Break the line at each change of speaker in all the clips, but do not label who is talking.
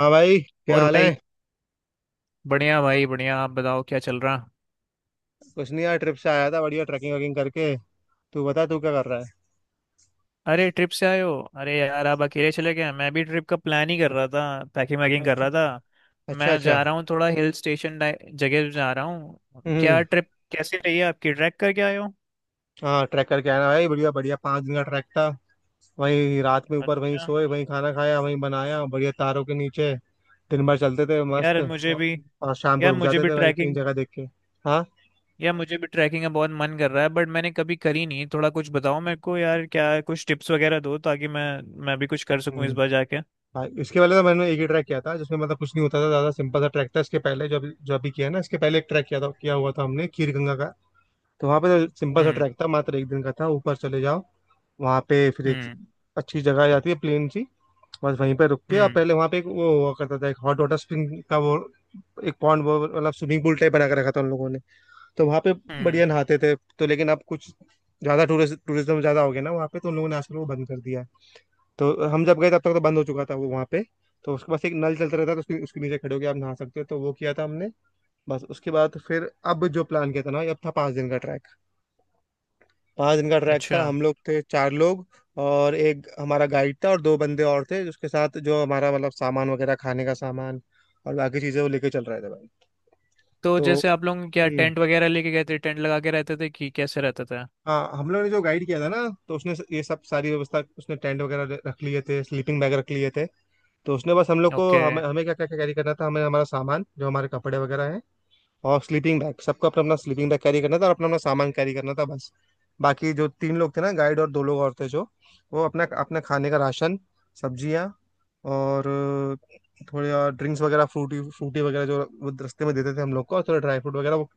हाँ भाई, क्या
और
हाल
भाई।
है।
बढ़िया भाई बढ़िया। आप बताओ, क्या चल रहा।
कुछ नहीं यार, ट्रिप से आया था, बढ़िया ट्रैकिंग वैकिंग करके। तू बता तू क्या कर रहा
अरे, ट्रिप से आए हो? अरे यार, आप अकेले चले गए। मैं भी ट्रिप का प्लान ही कर रहा था, पैकिंग
है।
वैकिंग कर
अच्छा
रहा था।
अच्छा।
मैं
अच्छा।
जा रहा हूँ थोड़ा हिल स्टेशन जगह जा रहा हूँ। क्या
हम्म।
ट्रिप कैसी रही है आपकी? ट्रैक करके आए हो?
हाँ ट्रैक करके आया ना भाई, बढ़िया बढ़िया 5 दिन का ट्रैक था। वहीं रात में ऊपर वहीं
अच्छा।
सोए, वहीं खाना खाया, वहीं बनाया, बढ़िया तारों के नीचे। दिन भर चलते थे मस्त
यार मुझे भी
और शाम को
यार
रुक
मुझे
जाते
भी
थे भाई, तीन
ट्रैकिंग
जगह देख के। हाँ।
यार मुझे भी ट्रैकिंग का बहुत मन कर रहा है बट मैंने कभी करी नहीं। थोड़ा कुछ बताओ मेरे को यार, क्या कुछ टिप्स वगैरह दो ताकि मैं भी कुछ कर सकूं इस
हम्म।
बार जाके।
भाई, इसके पहले तो मैंने एक ही ट्रैक किया था जिसमें मतलब कुछ नहीं होता था, ज़्यादा सिंपल सा ट्रैक था। इसके पहले जो अभी किया है ना, इसके पहले एक ट्रैक किया हुआ था हमने, खीर गंगा का। तो वहाँ पे तो सिंपल सा
हम्म।
ट्रैक था, मात्र 1 दिन का था। ऊपर चले जाओ, वहाँ पे फिर एक
हम्म।
अच्छी जगह जाती है, प्लेन सी। बस वहीं पे रुक के, और
हम्म।
पहले वहाँ पे एक वो हुआ करता था, एक हॉट वाटर स्प्रिंग का वो एक पॉन्ड, वो मतलब स्विमिंग पूल टाइप बना के रखा था उन लोगों ने। तो वहाँ पे
हम्म।
बढ़िया नहाते थे तो, लेकिन अब कुछ ज्यादा टूरिस्ट, टूरिज्म ज्यादा हो गया ना वहाँ पे, तो उन लोगों ने आजकल वो बंद कर दिया है। तो हम जब गए तब तक तो बंद हो चुका था वो वहाँ पे। तो उसके पास एक नल चलता रहता था, तो उसके उसके नीचे खड़े होके आप नहा सकते हो, तो वो किया था हमने। बस उसके बाद फिर अब जो प्लान किया था ना, ये अब था 5 दिन का ट्रैक। 5 दिन का ट्रैक था,
अच्छा,
हम लोग थे चार लोग और एक हमारा गाइड था और दो बंदे और थे, जिसके साथ जो हमारा मतलब सामान वगैरह, खाने का सामान और बाकी चीजें वो लेके चल रहे थे भाई।
तो
तो
जैसे आप लोग क्या
हम्म।
टेंट वगैरह लेके गए थे? टेंट लगा के रहते थे कि कैसे रहता था?
हाँ हम लोग ने जो गाइड किया था ना, तो उसने ये सब सारी व्यवस्था, उसने टेंट वगैरह रख लिए थे, स्लीपिंग बैग रख लिए थे। तो उसने बस हम लोग को,
ओके,
हमें हमें क्या क्या कैरी करना था, हमें हमारा सामान जो हमारे कपड़े वगैरह हैं और स्लीपिंग बैग, सबको अपना अपना स्लीपिंग बैग कैरी करना था और अपना अपना सामान कैरी करना था बस। बाकी जो तीन लोग थे ना, गाइड और दो लोग और थे जो, वो अपना अपना खाने का राशन, सब्जियाँ और थोड़े और ड्रिंक्स वगैरह, फ्रूटी फ्रूटी वगैरह जो वो रास्ते में देते थे हम लोग को, और थोड़ा ड्राई फ्रूट वगैरह वो,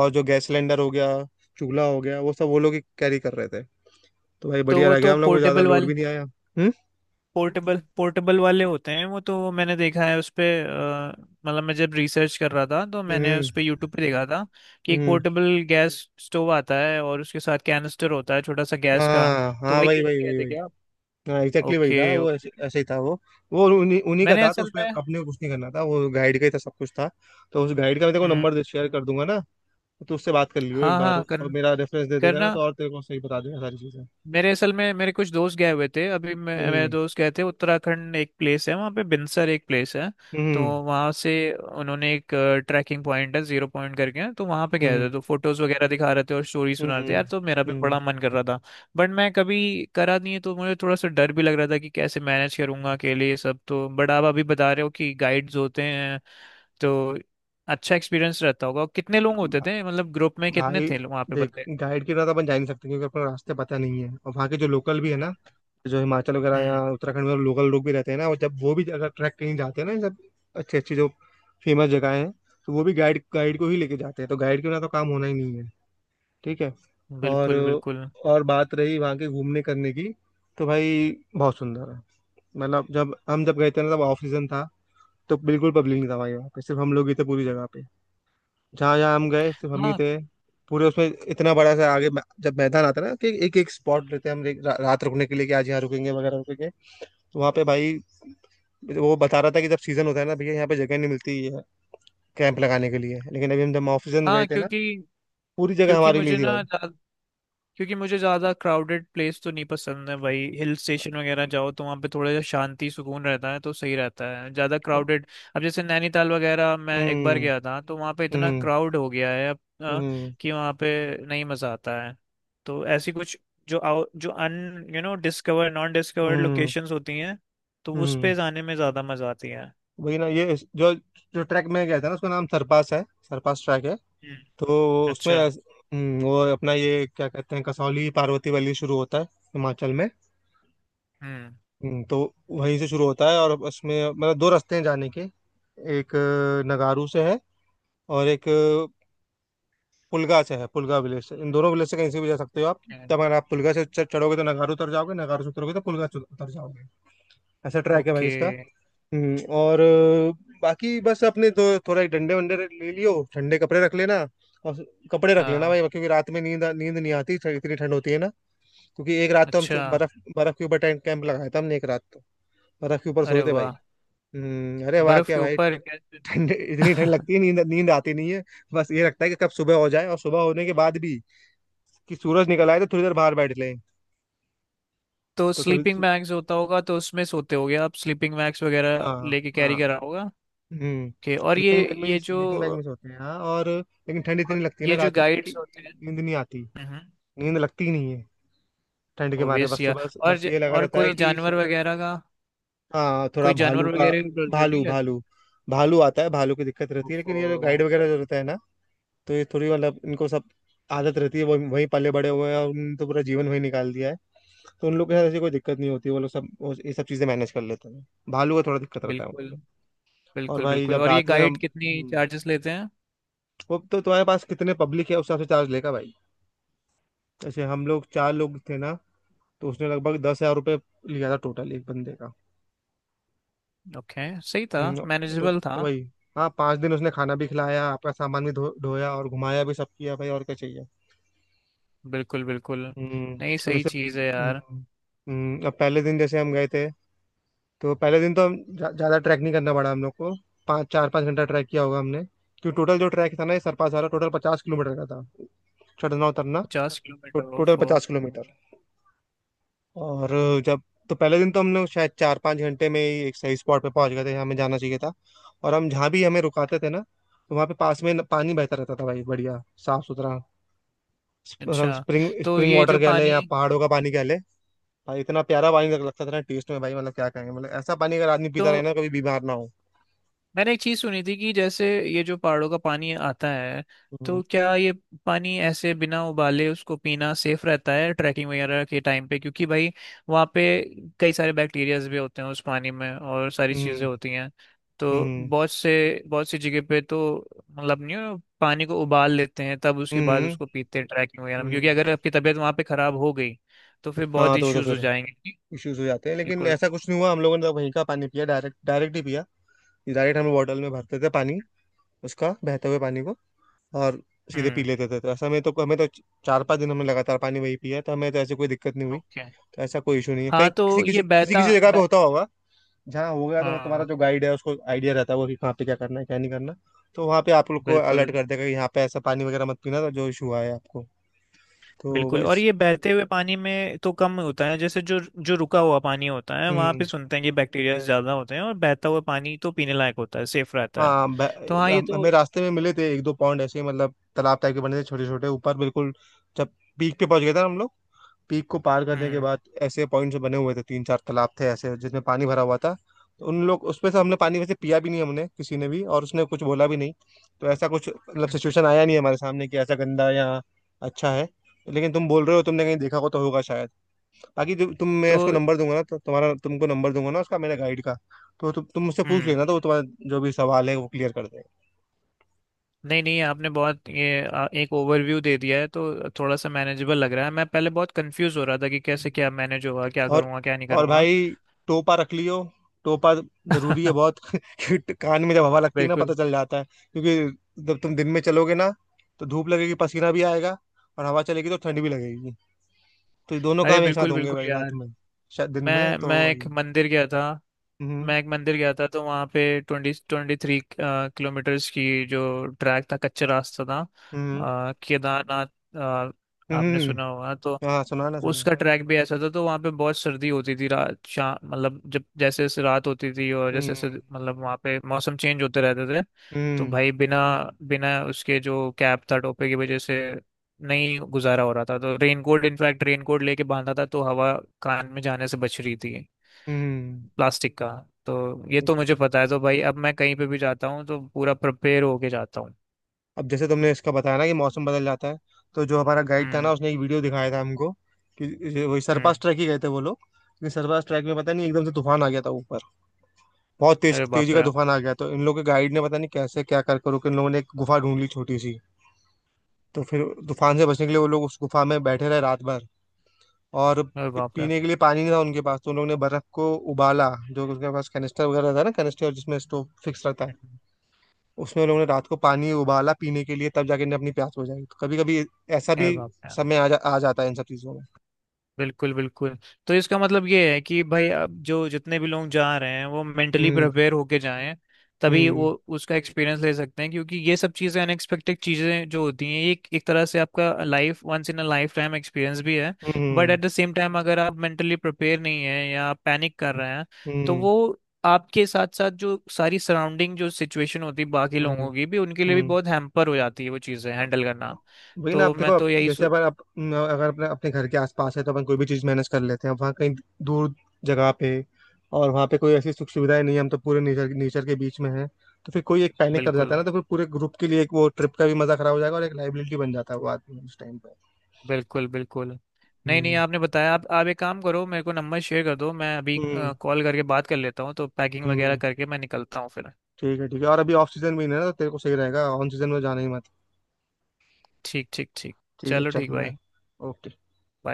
और जो गैस सिलेंडर हो गया, चूल्हा हो गया, वो सब वो लोग ही कैरी कर रहे थे। तो भाई
तो
बढ़िया
वो
रह गया,
तो
हम लोग को ज़्यादा
पोर्टेबल
लोड भी
वाले
नहीं आया। हम्म।
पोर्टेबल पोर्टेबल वाले होते हैं। वो तो मैंने देखा है उस पे मतलब मैं जब रिसर्च कर रहा था तो मैंने
हम्म।
उस पे यूट्यूब पे देखा था कि एक
हम्म।
पोर्टेबल गैस स्टोव आता है और उसके साथ कैनिस्टर होता है छोटा सा गैस का।
हाँ
तो
हाँ,
वही
वही वही वही
कहते
वही।
क्या आप?
हाँ एग्जैक्टली वही था
ओके
वो,
ओके।
ऐसे ऐसे ही था वो। वो उन्हीं उन्हीं का
मैंने
था, तो
असल
उसमें
में।
अपने को कुछ नहीं करना था, वो गाइड का ही था, सब कुछ था। तो उस गाइड का मैं तेरे को
हम्म।
नंबर दे, शेयर कर दूंगा ना, तो उससे बात कर लियो एक
हाँ
बार,
हाँ कर,
और मेरा रेफरेंस दे देगा ना
करना।
तो, और तेरे को सही बता देगा सारी चीजें।
मेरे असल में मेरे कुछ दोस्त गए हुए थे अभी मैं, मेरे
हम्म।
दोस्त गए थे उत्तराखंड। एक प्लेस है वहाँ पे बिनसर, एक प्लेस है। तो
हम्म।
वहाँ से उन्होंने एक ट्रैकिंग पॉइंट है, जीरो पॉइंट करके, तो वहाँ पे गए थे।
हम्म।
तो फोटोज वगैरह दिखा रहे थे और स्टोरी सुना रहे थे
हम्म।
यार, तो मेरा भी
हम्म।
बड़ा मन कर रहा था। बट मैं कभी करा नहीं है तो मुझे थोड़ा सा डर भी लग रहा था कि कैसे मैनेज करूंगा अकेले ये सब। तो बट आप अभी बता रहे हो कि गाइड्स होते हैं, तो अच्छा एक्सपीरियंस रहता होगा। कितने लोग होते
हम्म।
थे मतलब, ग्रुप में कितने
भाई
थे वहाँ पे
देख,
बंदे?
गाइड के बिना तो अपन जा ही नहीं सकते, क्योंकि अपने रास्ते पता नहीं है। और वहाँ के जो लोकल भी है ना, जो हिमाचल वगैरह या
हम्म।
उत्तराखंड में लोकल लोग भी रहते हैं ना, और जब वो भी अगर ट्रैक कहीं जाते हैं ना ये सब अच्छी अच्छी जो फेमस जगह हैं, तो वो भी गाइड, गाइड को ही लेके जाते हैं। तो गाइड के बिना तो काम होना ही नहीं है। ठीक है। और
बिल्कुल बिल्कुल।
और बात रही वहाँ के घूमने करने की, तो भाई बहुत सुंदर है। मतलब जब हम जब गए थे ना तब ऑफ सीजन था, तो बिल्कुल पब्लिक नहीं था भाई वहाँ पे, सिर्फ हम लोग ही थे पूरी जगह पे। जहाँ जहाँ हम गए सिर्फ हम ही
हाँ
थे पूरे उसमें। इतना बड़ा सा आगे जब मैदान आता है ना, कि एक एक स्पॉट लेते हैं हम रात रुकने के लिए, कि आज यहाँ रुकेंगे वगैरह रुकेंगे। तो वहाँ पे भाई वो बता रहा था कि जब सीजन होता है ना भैया, यहाँ पे जगह नहीं मिलती है कैंप लगाने के लिए, लेकिन अभी हम जब ऑफ सीजन गए
हाँ।
थे ना,
क्योंकि
पूरी जगह
क्योंकि
हमारी
मुझे
ली थी भाई।
ना ज्या- क्योंकि मुझे ज्यादा क्राउडेड प्लेस तो नहीं पसंद है भाई। हिल स्टेशन वगैरह जाओ तो वहाँ पे थोड़ा सा शांति सुकून रहता है तो सही रहता है। ज्यादा
अब-
क्राउडेड, अब जैसे नैनीताल वगैरह मैं एक बार
हम्म।
गया था तो वहाँ पे इतना
हम्म।
क्राउड हो गया है अब
हम्म।
कि वहाँ पे नहीं मजा आता है। तो ऐसी कुछ जो un you know discover non discovered
hmm.
Locations होती हैं, तो उस पे
हम्म।
जाने में ज्यादा मजा आती है।
वही ना, ये जो जो ट्रैक में गया था ना, उसका नाम सरपास है, सरपास ट्रैक है।
हम्म।
तो उसमें
अच्छा।
वो अपना ये क्या कहते हैं, कसौली पार्वती वैली शुरू होता है, हिमाचल में।
हम्म।
तो वहीं से शुरू होता है, और उसमें मतलब दो रास्ते हैं जाने के। एक नगारू से है, और एक पुलगा से है, पुलगा विलेज से। इन दोनों विलेज से कहीं से भी जा सकते हो आप। तब अगर आप पुलगा से चढ़ोगे तो नगारू उतर जाओगे, नगारू से उतरोगे तो पुलगा से उतर जाओगे। ऐसा ट्रैक है भाई
ओके।
इसका। और बाकी बस अपने दो थोड़ा एक डंडे वंडे ले लियो, ठंडे कपड़े रख लेना। और कपड़े रख लेना
हाँ।
भाई, क्योंकि रात में नींद नींद नहीं आती, इतनी ठंड होती है ना। क्योंकि एक रात तो हम
अच्छा।
बर्फ, बर्फ के ऊपर टेंट कैंप लगाया था हमने एक रात तो, बर्फ के ऊपर
अरे
सोए थे भाई।
वाह।
अरे वाह
बर्फ
क्या
के
भाई।
ऊपर कैसे?
ठंड, इतनी ठंड लगती है, नींद नींद आती नहीं है। बस ये लगता है कि कब सुबह हो जाए, और सुबह होने के बाद भी कि सूरज निकल आए तो थोड़ी देर बाहर बैठ लें।
तो
तो थोड़ी।
स्लीपिंग बैग्स होता होगा तो उसमें सोते होगे आप, स्लीपिंग बैग्स वगैरह
हाँ
लेके
हाँ।
कैरी करा होगा?
हम्म।
ओके।
स्लीपिंग बैग में,
ये जो
स्लीपिंग बैग में सोते हैं हाँ, और लेकिन ठंड
और
इतनी लगती है ना
ये जो
रात में कि
गाइड्स होते
नींद नहीं आती,
हैं,
नींद लगती ही नहीं है ठंड के मारे।
ओबियस
बस
या
सुबह, बस ये लगा
और
रहता है
कोई
कि
जानवर वगैरह का,
हाँ, थोड़ा
कोई जानवर
भालू का,
वगैरह का डर तो नहीं
भालू
लेता?
भालू भालू आता है, भालू की दिक्कत रहती है, लेकिन
ओफो।
ये जो गाइड वगैरह जो रहता है ना, तो ये थोड़ी मतलब इनको सब आदत रहती है, वो वहीं पले बड़े हुए हैं, और उन्होंने तो पूरा जीवन वहीं निकाल दिया है। तो उन लोग के साथ ऐसी कोई दिक्कत नहीं होती, वो लोग सब वो ये सब चीजें मैनेज कर लेते हैं। भालू का थोड़ा दिक्कत रहता है वहाँ
बिल्कुल
पे। और
बिल्कुल।
भाई
बिल्कुल,
जब
और ये
रात में हम,
गाइड कितनी
हम्म,
चार्जेस लेते हैं?
वो तो तुम्हारे पास कितने पब्लिक है उस हिसाब से चार्ज लेगा भाई। जैसे हम लोग चार लोग थे ना, तो उसने लगभग 10,000 रुपये लिया था टोटल, एक बंदे का।
ओके। सही था,
तो
मैनेजेबल था।
वही। हाँ, 5 दिन उसने खाना भी खिलाया, आपका सामान भी धो धोया, और घुमाया भी, सब किया भाई और क्या चाहिए।
बिल्कुल बिल्कुल।
हम्म।
नहीं,
और
सही
जैसे
चीज़ है यार।
अब पहले दिन जैसे हम गए थे, तो पहले दिन तो हम ज़्यादा ट्रैक नहीं करना पड़ा हम लोग को। पाँच चार पाँच घंटा ट्रैक किया होगा हमने। क्योंकि टोटल जो ट्रैक था ना ये सरपास वाला, टोटल 50 किलोमीटर का था, चढ़ना उतरना।
पचास किलोमीटर
टोटल
ओफो।
पचास किलोमीटर। और जब, तो पहले दिन तो हम लोग शायद चार पाँच घंटे में ही एक सही स्पॉट पे पहुंच गए थे जहाँ हमें जाना चाहिए था। और हम जहाँ भी हमें रुकाते थे ना, तो वहाँ पे पास में पानी बहता रहता था भाई, बढ़िया साफ सुथरा।
अच्छा।
स्प्रिंग
तो
स्प्रिंग
ये
वाटर
जो
कह ले
पानी,
या पहाड़ों का पानी कह ले। भाई इतना प्यारा पानी लगता था ना टेस्ट में भाई, मतलब क्या कहेंगे, मतलब ऐसा पानी अगर आदमी
तो
पीता रहे ना कभी बीमार ना हो।
मैंने एक चीज सुनी थी कि जैसे ये जो पहाड़ों का पानी आता है,
हम्म।
तो क्या ये पानी ऐसे बिना उबाले उसको पीना सेफ रहता है ट्रैकिंग वगैरह के टाइम पे? क्योंकि भाई वहाँ पे कई सारे बैक्टीरियाज भी होते हैं उस पानी में और सारी चीजें
हम्म।
होती हैं। तो
हम्म।
बहुत सी जगह पे तो मतलब नहीं हो, पानी को उबाल लेते हैं, तब उसके बाद
हम्म।
उसको पीते हैं ट्रैकिंग वगैरह में। क्योंकि
हम्म।
अगर आपकी तबीयत वहाँ पे खराब हो गई तो फिर बहुत
हाँ तो
इश्यूज हो
फिर
जाएंगे।
इश्यूज हो जाते हैं, लेकिन
बिल्कुल।
ऐसा कुछ नहीं हुआ, हम लोगों ने तो वहीं का पानी पिया, डायरेक्ट डायरेक्ट ही पिया। डायरेक्ट हम बॉटल में भरते थे पानी, उसका, बहते हुए पानी को, और सीधे पी
हम्म।
लेते थे। तो ऐसा में तो हमें तो 4 5 दिन हमने लगातार पानी वही पिया, तो हमें तो ऐसे कोई दिक्कत नहीं हुई।
ओके।
तो ऐसा कोई इशू नहीं है, कहीं
हाँ तो
किसी
ये
किसी
पे-
किसी
बहता
किसी जगह पे
ब...
होता होगा जहाँ हो गया। तो मतलब तुम्हारा
हाँ,
जो गाइड है उसको आइडिया रहता है वो, कि कहाँ पे क्या करना है क्या नहीं करना, तो वहाँ पे आप लोग को अलर्ट
बिल्कुल
कर देगा कि यहाँ पे ऐसा पानी वगैरह मत पीना, तो जो इशू आए आपको। तो
बिल्कुल। और
बस।
ये बहते हुए पानी में तो कम होता है। जैसे जो जो रुका हुआ पानी होता है वहाँ पे
हम्म।
सुनते हैं कि बैक्टीरिया ज्यादा होते हैं, और बहता हुआ पानी तो पीने लायक होता है, सेफ रहता है।
हाँ
तो हाँ, ये तो।
हमें रास्ते में मिले थे एक दो पॉइंट ऐसे ही, मतलब तालाब टाइप के बने थे छोटे छोटे ऊपर, बिल्कुल जब पीक पे पहुंच गए थे ना हम लोग, पीक को पार करने के
हम्म।
बाद ऐसे पॉइंट्स बने हुए थे, तीन चार तालाब थे ऐसे जिसमें पानी भरा हुआ था। तो उन लोग, उसमें से हमने पानी वैसे पिया भी नहीं हमने किसी ने भी, और उसने कुछ बोला भी नहीं। तो ऐसा कुछ मतलब
हम्म।
सिचुएशन आया नहीं हमारे सामने कि ऐसा गंदा या अच्छा है, लेकिन तुम बोल रहे हो, तुमने कहीं देखा हो तो होगा शायद। बाकी जो तुम, मैं
तो
उसको नंबर दूंगा ना, तो तुम्हारा, तुमको नंबर दूंगा ना उसका, मेरे गाइड का। तो तुम मुझसे पूछ
हम्म।
लेना, तो वो तुम्हारा जो भी सवाल है वो क्लियर कर देगा।
नहीं नहीं, आपने बहुत ये एक ओवरव्यू दे दिया है तो थोड़ा सा मैनेजेबल लग रहा है। मैं पहले बहुत कंफ्यूज हो रहा था कि कैसे क्या मैनेज होगा, क्या
और
करूँगा क्या नहीं
और
करूँगा।
भाई, टोपा रख लियो, टोपा जरूरी है बहुत। क्योंकि कान में जब हवा लगती है ना पता
बिल्कुल।
चल जाता है। क्योंकि जब तुम दिन में चलोगे ना, तो धूप लगेगी, पसीना भी आएगा, और हवा चलेगी तो ठंड भी लगेगी। तो ये दोनों
अरे
काम एक साथ
बिल्कुल
होंगे
बिल्कुल
भाई
यार।
रात में, शायद दिन में
मैं
तो।
मैं एक मंदिर गया था
हम्म।
मैं एक मंदिर गया था तो वहाँ पे 23 किलोमीटर्स की जो ट्रैक था, कच्चा रास्ता था
हम्म।
केदारनाथ अ,
हम्म।
आपने सुना
हम्म।
होगा तो
हाँ सुना ना सुना।
उसका ट्रैक भी ऐसा था। तो वहाँ पे बहुत सर्दी होती थी रात शाम, मतलब जब जैसे जैसे रात होती थी और जैसे जैसे,
हम्म।
मतलब वहाँ पे मौसम चेंज होते रहते थे। तो
हम्म।
भाई बिना बिना उसके, जो कैप था, टोपे की वजह से नहीं गुजारा हो रहा था। तो रेनकोट, इनफैक्ट रेनकोट लेके बांधा था तो हवा कान में जाने से बच रही थी,
हम्म।
प्लास्टिक का। तो ये तो मुझे पता है, तो भाई अब मैं कहीं पे भी जाता हूँ तो पूरा प्रिपेयर होके जाता हूँ।
अब जैसे तुमने इसका बताया ना कि मौसम बदल जाता है, तो जो हमारा गाइड था ना
हम्म।
उसने एक वीडियो दिखाया था हमको, कि ये वही सरपास
हम्म।
ट्रैक ही गए थे वो लोग, लेकिन सरपास ट्रैक में पता नहीं एकदम से तूफान आ गया था ऊपर, बहुत तेज
अरे
तेजी
बाप
का
रे।
तूफान आ गया, तो इन लोगों के गाइड ने पता नहीं कैसे क्या कर करो कि इन लोगों ने एक गुफा ढूंढ ली छोटी सी। तो फिर तूफान से बचने के लिए वो लोग उस गुफा में बैठे रहे रात भर। और
अरे बाप रे।
पीने के लिए पानी नहीं था उनके पास, तो उन लोगों ने बर्फ को उबाला, जो उसके पास कैनिस्टर वगैरह था ना, कैनिस्टर जिसमें स्टोव फिक्स रहता है, उसमें उन लोगों ने रात को पानी उबाला पीने के लिए, तब जाके इन्हें अपनी प्यास बुझाई। तो कभी कभी ऐसा
अरे
भी
बाप रे।
समय आ जाता है इन सब चीजों में।
बिल्कुल बिल्कुल। तो इसका मतलब ये है कि भाई अब जो जितने भी लोग जा रहे हैं वो मेंटली
हम्म।
प्रिपेयर होके जाएं, तभी
हम्म।
वो उसका एक्सपीरियंस ले सकते हैं। क्योंकि ये सब चीज़ें अनएक्सपेक्टेड चीज़ें जो होती हैं, ये एक तरह से आपका life once in a life time experience भी है। But
hmm.
At the same time अगर आप मेंटली प्रिपेयर नहीं है या आप पैनिक कर रहे हैं, तो
हम्म।
वो आपके साथ साथ जो सारी सराउंडिंग, जो सिचुएशन होती है बाकी
हम्म।
लोगों की, भी उनके लिए भी
हम्म।
बहुत हैम्पर हो जाती है वो चीज़ें
अब
हैंडल करना।
वही ना, आप
तो
देखो
मैं तो यही
जैसे
सो-
अपन, आप न, अगर अपने अपने घर के आसपास है तो अपन कोई भी चीज़ मैनेज कर लेते हैं, अब वहाँ कहीं दूर जगह पे और वहाँ पे कोई ऐसी सुख सुविधाएं नहीं है, हम तो पूरे नेचर, नेचर के बीच में हैं। तो फिर कोई एक पैनिक कर
बिल्कुल
जाता है ना, तो फिर पूरे ग्रुप के लिए एक वो ट्रिप का भी मजा खराब हो जाएगा, और एक लाइबिलिटी बन जाता है वो आदमी उस टाइम पे।
बिल्कुल बिल्कुल। नहीं नहीं,
हम्म।
आपने बताया। आप एक काम करो, मेरे को नंबर शेयर कर दो, मैं अभी
हम्म।
कॉल करके बात कर लेता हूँ। तो पैकिंग वगैरह
हम्म।
करके मैं निकलता हूँ फिर।
ठीक है ठीक है, और अभी ऑफ सीजन भी नहीं है ना, तो तेरे को सही रहेगा, ऑन सीजन में जाना ही मत।
ठीक ठीक ठीक।
ठीक है,
चलो
चल
ठीक
बाय।
भाई।
ओके।